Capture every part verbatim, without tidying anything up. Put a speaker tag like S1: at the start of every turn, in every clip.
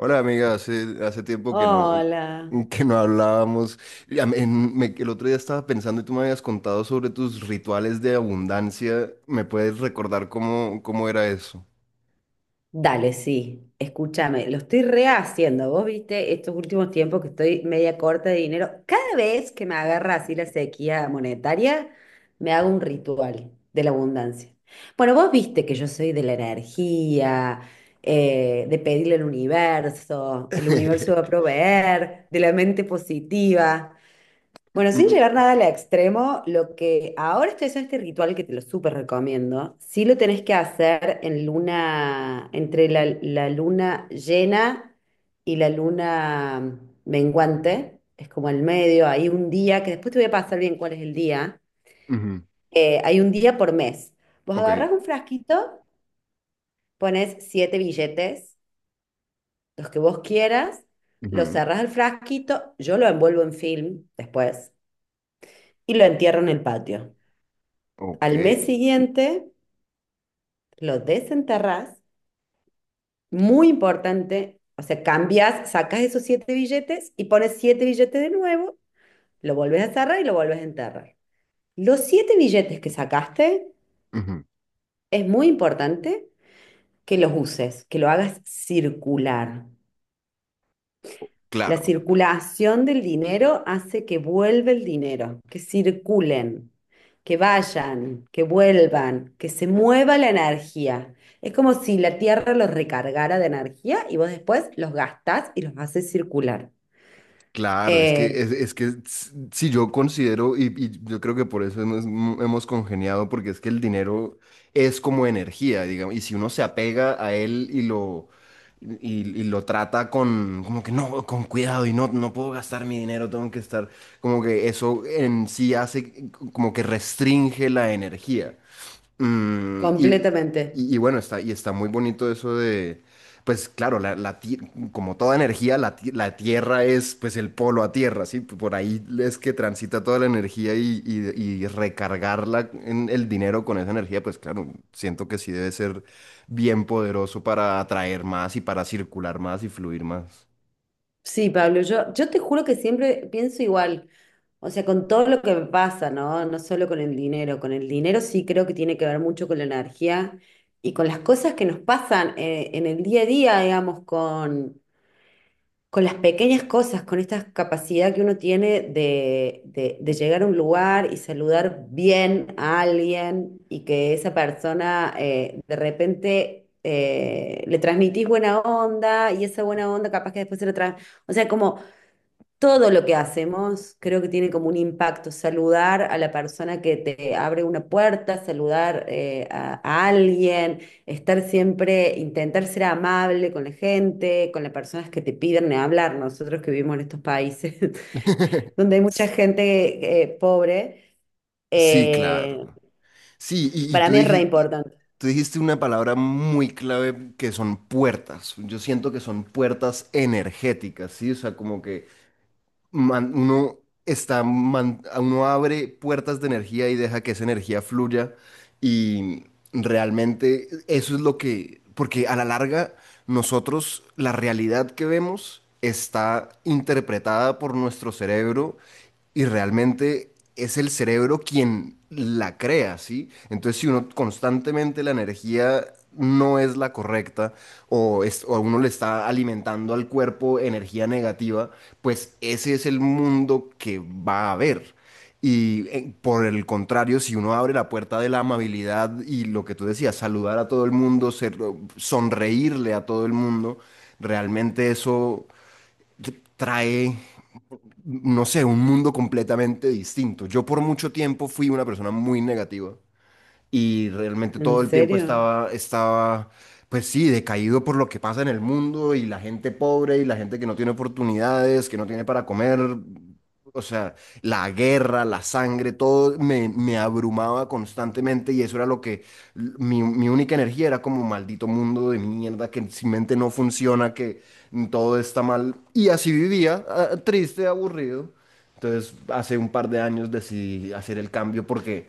S1: Hola amiga, hace, hace tiempo que no,
S2: Hola.
S1: que no hablábamos. Ya me- en- me- el otro día estaba pensando y tú me habías contado sobre tus rituales de abundancia. ¿Me puedes recordar cómo, cómo era eso?
S2: Dale, sí. Escúchame, lo estoy rehaciendo. Vos viste estos últimos tiempos que estoy media corta de dinero. Cada vez que me agarra así la sequía monetaria, me hago un ritual de la abundancia. Bueno, vos viste que yo soy de la energía, eh, de pedirle al universo, el universo va a proveer, de la mente positiva. Bueno, sin
S1: Mm,
S2: llegar nada al extremo, lo que ahora estoy haciendo este ritual que te lo súper recomiendo, sí lo tenés que hacer en luna, entre la, la luna llena y la luna menguante, es como el medio, hay un día, que después te voy a pasar bien cuál es el día,
S1: ujú.
S2: eh, hay un día por mes. Vos
S1: Ok,
S2: agarrás un frasquito, pones siete billetes, los que vos quieras, los
S1: ujú.
S2: cerrás al frasquito, yo lo envuelvo en film después y lo entierro en el patio.
S1: Ok,
S2: al mes siguiente lo desenterrás, muy importante, o sea, cambias, sacas esos siete billetes y pones siete billetes de nuevo, lo volvés a cerrar y lo volvés a enterrar. Los siete billetes que sacaste,
S1: ujú.
S2: es muy importante que los uses, que lo hagas circular. La
S1: Claro.
S2: circulación del dinero hace que vuelva el dinero, que circulen, que vayan, que vuelvan, que se mueva la energía. Es como si la Tierra los recargara de energía y vos después los gastás y los haces circular.
S1: Claro, es que,
S2: Eh,
S1: es, es que si yo considero, y, y yo creo que por eso hemos, mm, hemos congeniado, porque es que el dinero es como energía, digamos, y si uno se apega a él y lo, y, y lo trata con, como que no, con cuidado, y no, no puedo gastar mi dinero, tengo que estar, como que eso en sí hace, como que restringe la energía. Mm, y,
S2: completamente.
S1: y- y bueno, está, y está muy bonito eso de, pues claro, la, la ti- como toda energía, la, ti- la Tierra es pues el polo a Tierra, ¿sí? Por ahí es que transita toda la energía y, y, y recargarla en el dinero con esa energía, pues claro, siento que sí debe ser bien poderoso para atraer más y para circular más y fluir más.
S2: Sí, Pablo, yo, yo te juro que siempre pienso igual, o sea, con todo lo que me pasa, ¿no? No solo con el dinero, con el dinero sí creo que tiene que ver mucho con la energía y con las cosas que nos pasan eh, en el día a día, digamos, con, con, las pequeñas cosas, con esta capacidad que uno tiene de, de, de llegar a un lugar y saludar bien a alguien y que esa persona eh, de repente. Eh, le transmitís buena onda y esa buena onda capaz que después se lo trae. O sea, como todo lo que hacemos creo que tiene como un impacto. Saludar a la persona que te abre una puerta, saludar eh, a, a alguien, estar siempre, intentar ser amable con la gente, con las personas que te piden hablar. Nosotros que vivimos en estos países donde hay mucha gente eh, pobre,
S1: Sí, claro.
S2: eh,
S1: Sí, y, y
S2: para
S1: tú
S2: mí es re
S1: dijiste,
S2: importante.
S1: tú dijiste una palabra muy clave que son puertas. Yo siento que son puertas energéticas, ¿sí? O sea, como que man- uno está, man- uno abre puertas de energía y deja que esa energía fluya y realmente eso es lo que, porque a la larga nosotros, la realidad que vemos está interpretada por nuestro cerebro y realmente es el cerebro quien la crea, ¿sí? Entonces, si uno constantemente la energía no es la correcta o, es, o uno le está alimentando al cuerpo energía negativa, pues ese es el mundo que va a haber. Y eh, por el contrario, si uno abre la puerta de la amabilidad y lo que tú decías, saludar a todo el mundo, ser- sonreírle a todo el mundo, realmente eso trae, no sé, un mundo completamente distinto. Yo por mucho tiempo fui una persona muy negativa y realmente
S2: ¿En
S1: todo el tiempo
S2: serio?
S1: estaba, estaba, pues sí, decaído por lo que pasa en el mundo y la gente pobre y la gente que no tiene oportunidades, que no tiene para comer, o sea, la guerra, la sangre, todo me, me abrumaba constantemente y eso era lo que, mi, mi única energía era como maldito mundo de mierda que sin mente no funciona, que todo está mal y así vivía, ah, triste, aburrido. Entonces, hace un par de años decidí hacer el cambio porque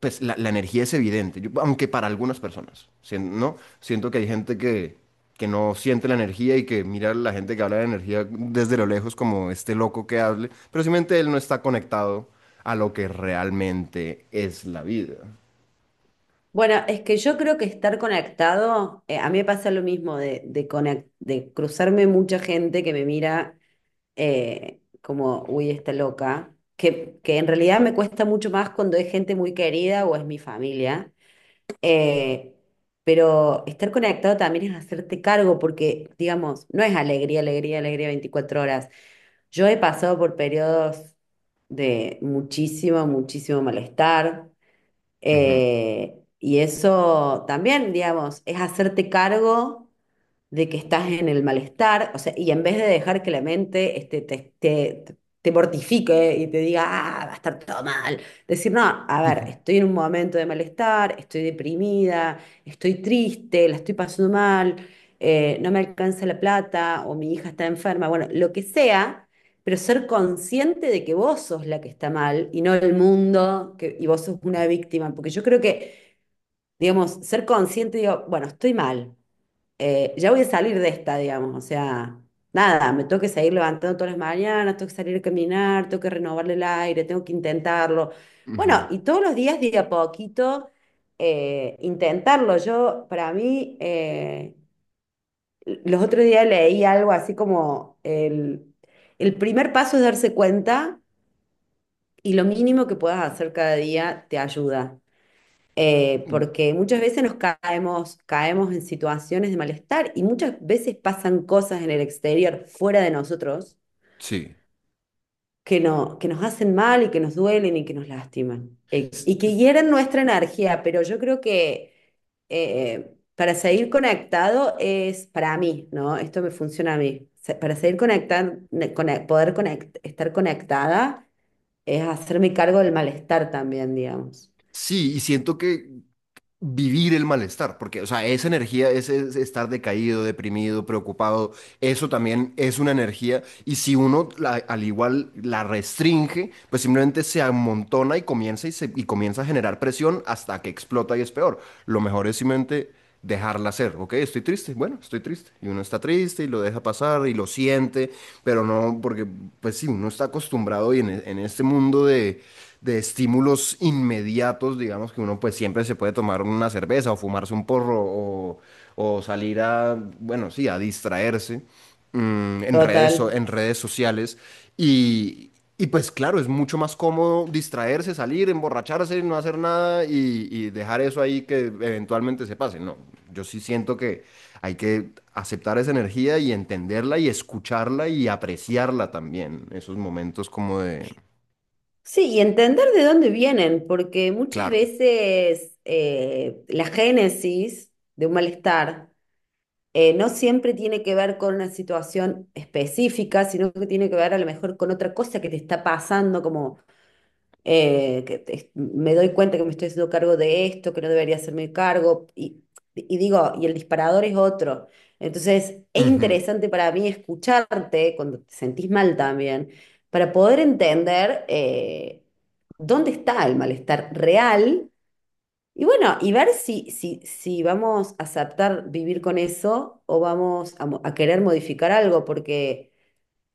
S1: pues la, la energía es evidente, yo- aunque para algunas personas, sien- ¿no? Siento que hay gente que, que no siente la energía y que mira a la gente que habla de energía desde lo lejos como este loco que hable, pero simplemente él no está conectado a lo que realmente es la vida.
S2: Bueno, es que yo creo que estar conectado, eh, a mí me pasa lo mismo de, de, conec- de cruzarme mucha gente que me mira eh, como, uy, está loca, que, que en realidad me cuesta mucho más cuando es gente muy querida o es mi familia, eh, pero estar conectado también es hacerte cargo porque, digamos, no es alegría, alegría, alegría veinticuatro horas. Yo he pasado por periodos de muchísimo, muchísimo malestar,
S1: Ujú,
S2: eh, y eso también, digamos, es hacerte cargo de que estás en el malestar, o sea, y en vez de dejar que la mente este, te, te, te mortifique y te diga, ah, va a estar todo mal, decir, no, a ver, estoy en un momento de malestar, estoy deprimida, estoy triste, la estoy pasando mal, eh, no me alcanza la plata o mi hija está enferma, bueno, lo que sea, pero ser consciente de que vos sos la que está mal y no el mundo que, y vos sos una víctima, porque yo creo que, digamos, ser consciente, digo, bueno, estoy mal, eh, ya voy a salir de esta, digamos, o sea, nada, me tengo que seguir levantando todas las mañanas, tengo que salir a caminar, tengo que renovarle el aire, tengo que intentarlo.
S1: ujú.
S2: Bueno, y todos los días, de a poquito, eh, intentarlo. Yo, para mí, eh, los otros días leí algo así como el, el, primer paso es darse cuenta y lo mínimo que puedas hacer cada día te ayuda, eh,
S1: Mm.
S2: porque muchas veces nos caemos, caemos en situaciones de malestar y muchas veces pasan cosas en el exterior, fuera de nosotros,
S1: Sí.
S2: que, no, que nos hacen mal y que nos duelen y que nos lastiman, eh,
S1: S-
S2: y que
S1: s-
S2: hieren nuestra energía. Pero yo creo que eh, para seguir conectado es para mí, ¿no? Esto me funciona a mí. Se- Para seguir conectando, poder conect- estar conectada es hacerme cargo del malestar también, digamos.
S1: Sí, y siento que vivir el malestar, porque, o sea, esa energía, ese ese estar decaído, deprimido, preocupado, eso también es una energía, y si uno la- al igual la restringe, pues simplemente se amontona y comienza y, se, y comienza a generar presión hasta que explota y es peor. Lo mejor es simplemente dejarla ser. Ok, estoy triste, bueno, estoy triste, y uno está triste y lo deja pasar y lo siente, pero no, porque pues sí, uno está acostumbrado y en, e- en este mundo de, de estímulos inmediatos, digamos que uno pues siempre se puede tomar una cerveza o fumarse un porro o, o salir a, bueno, sí, a distraerse, mm, en redes, so-
S2: Total.
S1: en redes sociales. Y, y pues claro, es mucho más cómodo distraerse, salir, emborracharse, no hacer nada y, y dejar eso ahí que eventualmente se pase. No, yo sí siento que hay que aceptar esa energía y entenderla y escucharla y apreciarla también. Esos momentos como de,
S2: Sí, y entender de dónde vienen, porque muchas
S1: claro.
S2: veces eh, la génesis de un malestar eh, no siempre tiene que ver con una situación específica, sino que tiene que ver a lo mejor con otra cosa que te está pasando, como eh, que te- me doy cuenta que me estoy haciendo cargo de esto, que no debería hacerme cargo, y, y digo, y el disparador es otro. Entonces, es
S1: Ujú.
S2: interesante para mí escucharte cuando te sentís mal también, para poder entender eh, dónde está el malestar real y bueno, y ver si, si, si, vamos a aceptar vivir con eso o vamos a, mo- a querer modificar algo, porque.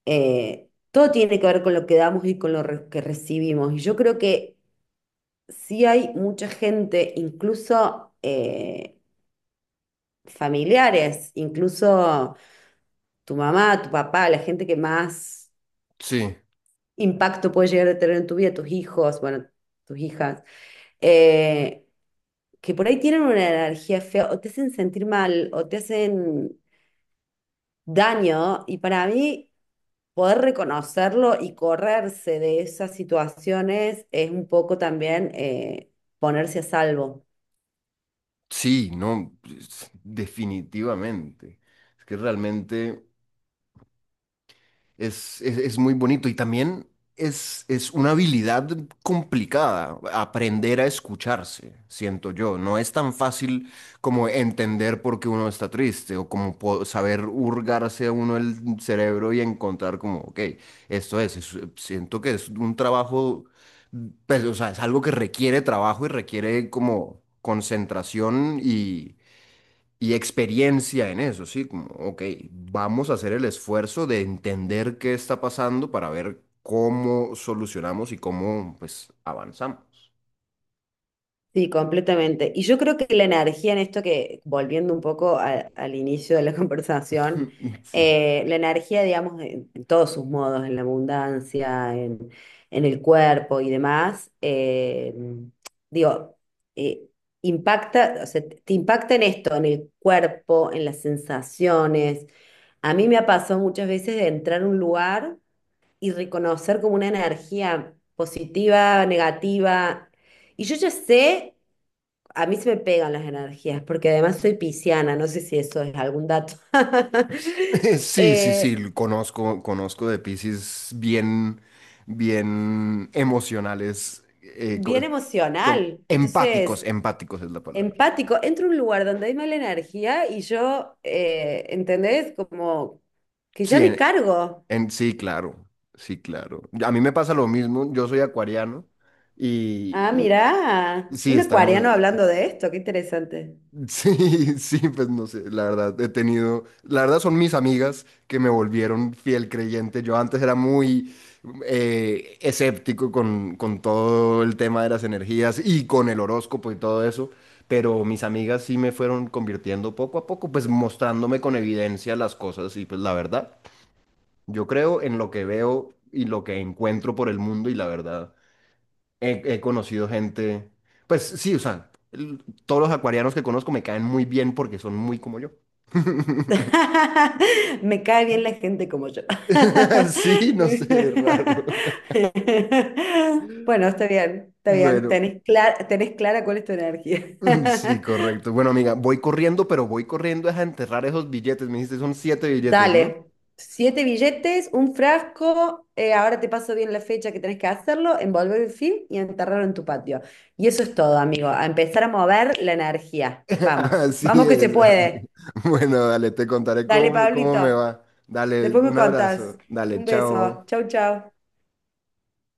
S2: Eh, todo tiene que ver con lo que damos y con lo re- que recibimos. Y yo creo que sí hay mucha gente, incluso eh, familiares, incluso tu mamá, tu papá, la gente que más
S1: Sí,
S2: impacto puede llegar a tener en tu vida, tus hijos, bueno, tus hijas, eh, que por ahí tienen una energía fea o te hacen sentir mal o te hacen daño y para mí poder reconocerlo y correrse de esas situaciones es un poco también, eh, ponerse a salvo.
S1: sí, no, es- definitivamente. Es que realmente... Es, es, es muy bonito y también es, es una habilidad complicada, aprender a escucharse, siento yo. No es tan fácil como entender por qué uno está triste o como po- saber hurgarse a uno el cerebro y encontrar como, ok, esto es, es- siento que es un trabajo, pues, o sea, es algo que requiere trabajo y requiere como concentración y y experiencia en eso, ¿sí? Como, ok, vamos a hacer el esfuerzo de entender qué está pasando para ver cómo solucionamos y cómo, pues, avanzamos.
S2: Sí, completamente. Y yo creo que la energía en esto que, volviendo un poco a- al inicio de la conversación,
S1: Sí.
S2: eh, la energía, digamos, en, en todos sus modos, en la abundancia, en, en el cuerpo y demás, eh, digo, eh, impacta, o sea, te impacta en esto, en el cuerpo, en las sensaciones. A mí me ha pasado muchas veces de entrar a un lugar y reconocer como una energía positiva, negativa. Y yo ya sé, a mí se me pegan las energías, porque además soy pisciana, no sé si eso es algún dato.
S1: Sí, sí,
S2: Eh,
S1: sí, lo conozco, conozco de Piscis bien, bien emocionales, eh, co-
S2: bien
S1: como,
S2: emocional, entonces
S1: empáticos, empáticos es la palabra.
S2: empático. Entro a un lugar donde hay mala energía y yo, eh, ¿entendés? Como que ya
S1: Sí,
S2: me
S1: en,
S2: cargo.
S1: en- sí, claro, sí, claro. A mí me pasa lo mismo, yo soy acuariano
S2: Ah,
S1: y, y-
S2: mirá,
S1: sí,
S2: un
S1: estamos.
S2: acuariano hablando de esto, qué interesante.
S1: Sí, sí, pues no sé, la verdad, he tenido, la verdad son mis amigas que me volvieron fiel creyente. Yo antes era muy eh, escéptico con, con todo el tema de las energías y con el horóscopo y todo eso, pero mis amigas sí me fueron convirtiendo poco a poco, pues mostrándome con evidencia las cosas y pues la verdad, yo creo en lo que veo y lo que encuentro por el mundo y la verdad. He, he conocido gente, pues sí, o sea, el- todos los acuarianos que conozco me caen muy bien porque son muy como yo.
S2: Me cae bien la gente como yo.
S1: Sí, no sé, es raro.
S2: Bueno, está bien, está bien.
S1: Bueno,
S2: Tenés clara, tenés clara cuál es tu energía.
S1: mm, sí, correcto. Bueno, amiga, voy corriendo, pero voy corriendo es a enterrar esos billetes. Me dijiste, son siete billetes, ¿no?
S2: Dale. Siete billetes, un frasco. eh, ahora te paso bien la fecha que tenés que hacerlo, envolver el film y enterrarlo en tu patio. Y eso es todo, amigo. A empezar a mover la energía. Vamos,
S1: Así
S2: vamos que se
S1: es, amiga.
S2: puede.
S1: Bueno, dale, te contaré
S2: Dale,
S1: cómo, cómo me
S2: Pablito.
S1: va. Dale,
S2: Después me
S1: un
S2: contás.
S1: abrazo. Dale,
S2: Un beso.
S1: chao.
S2: Chau, chau.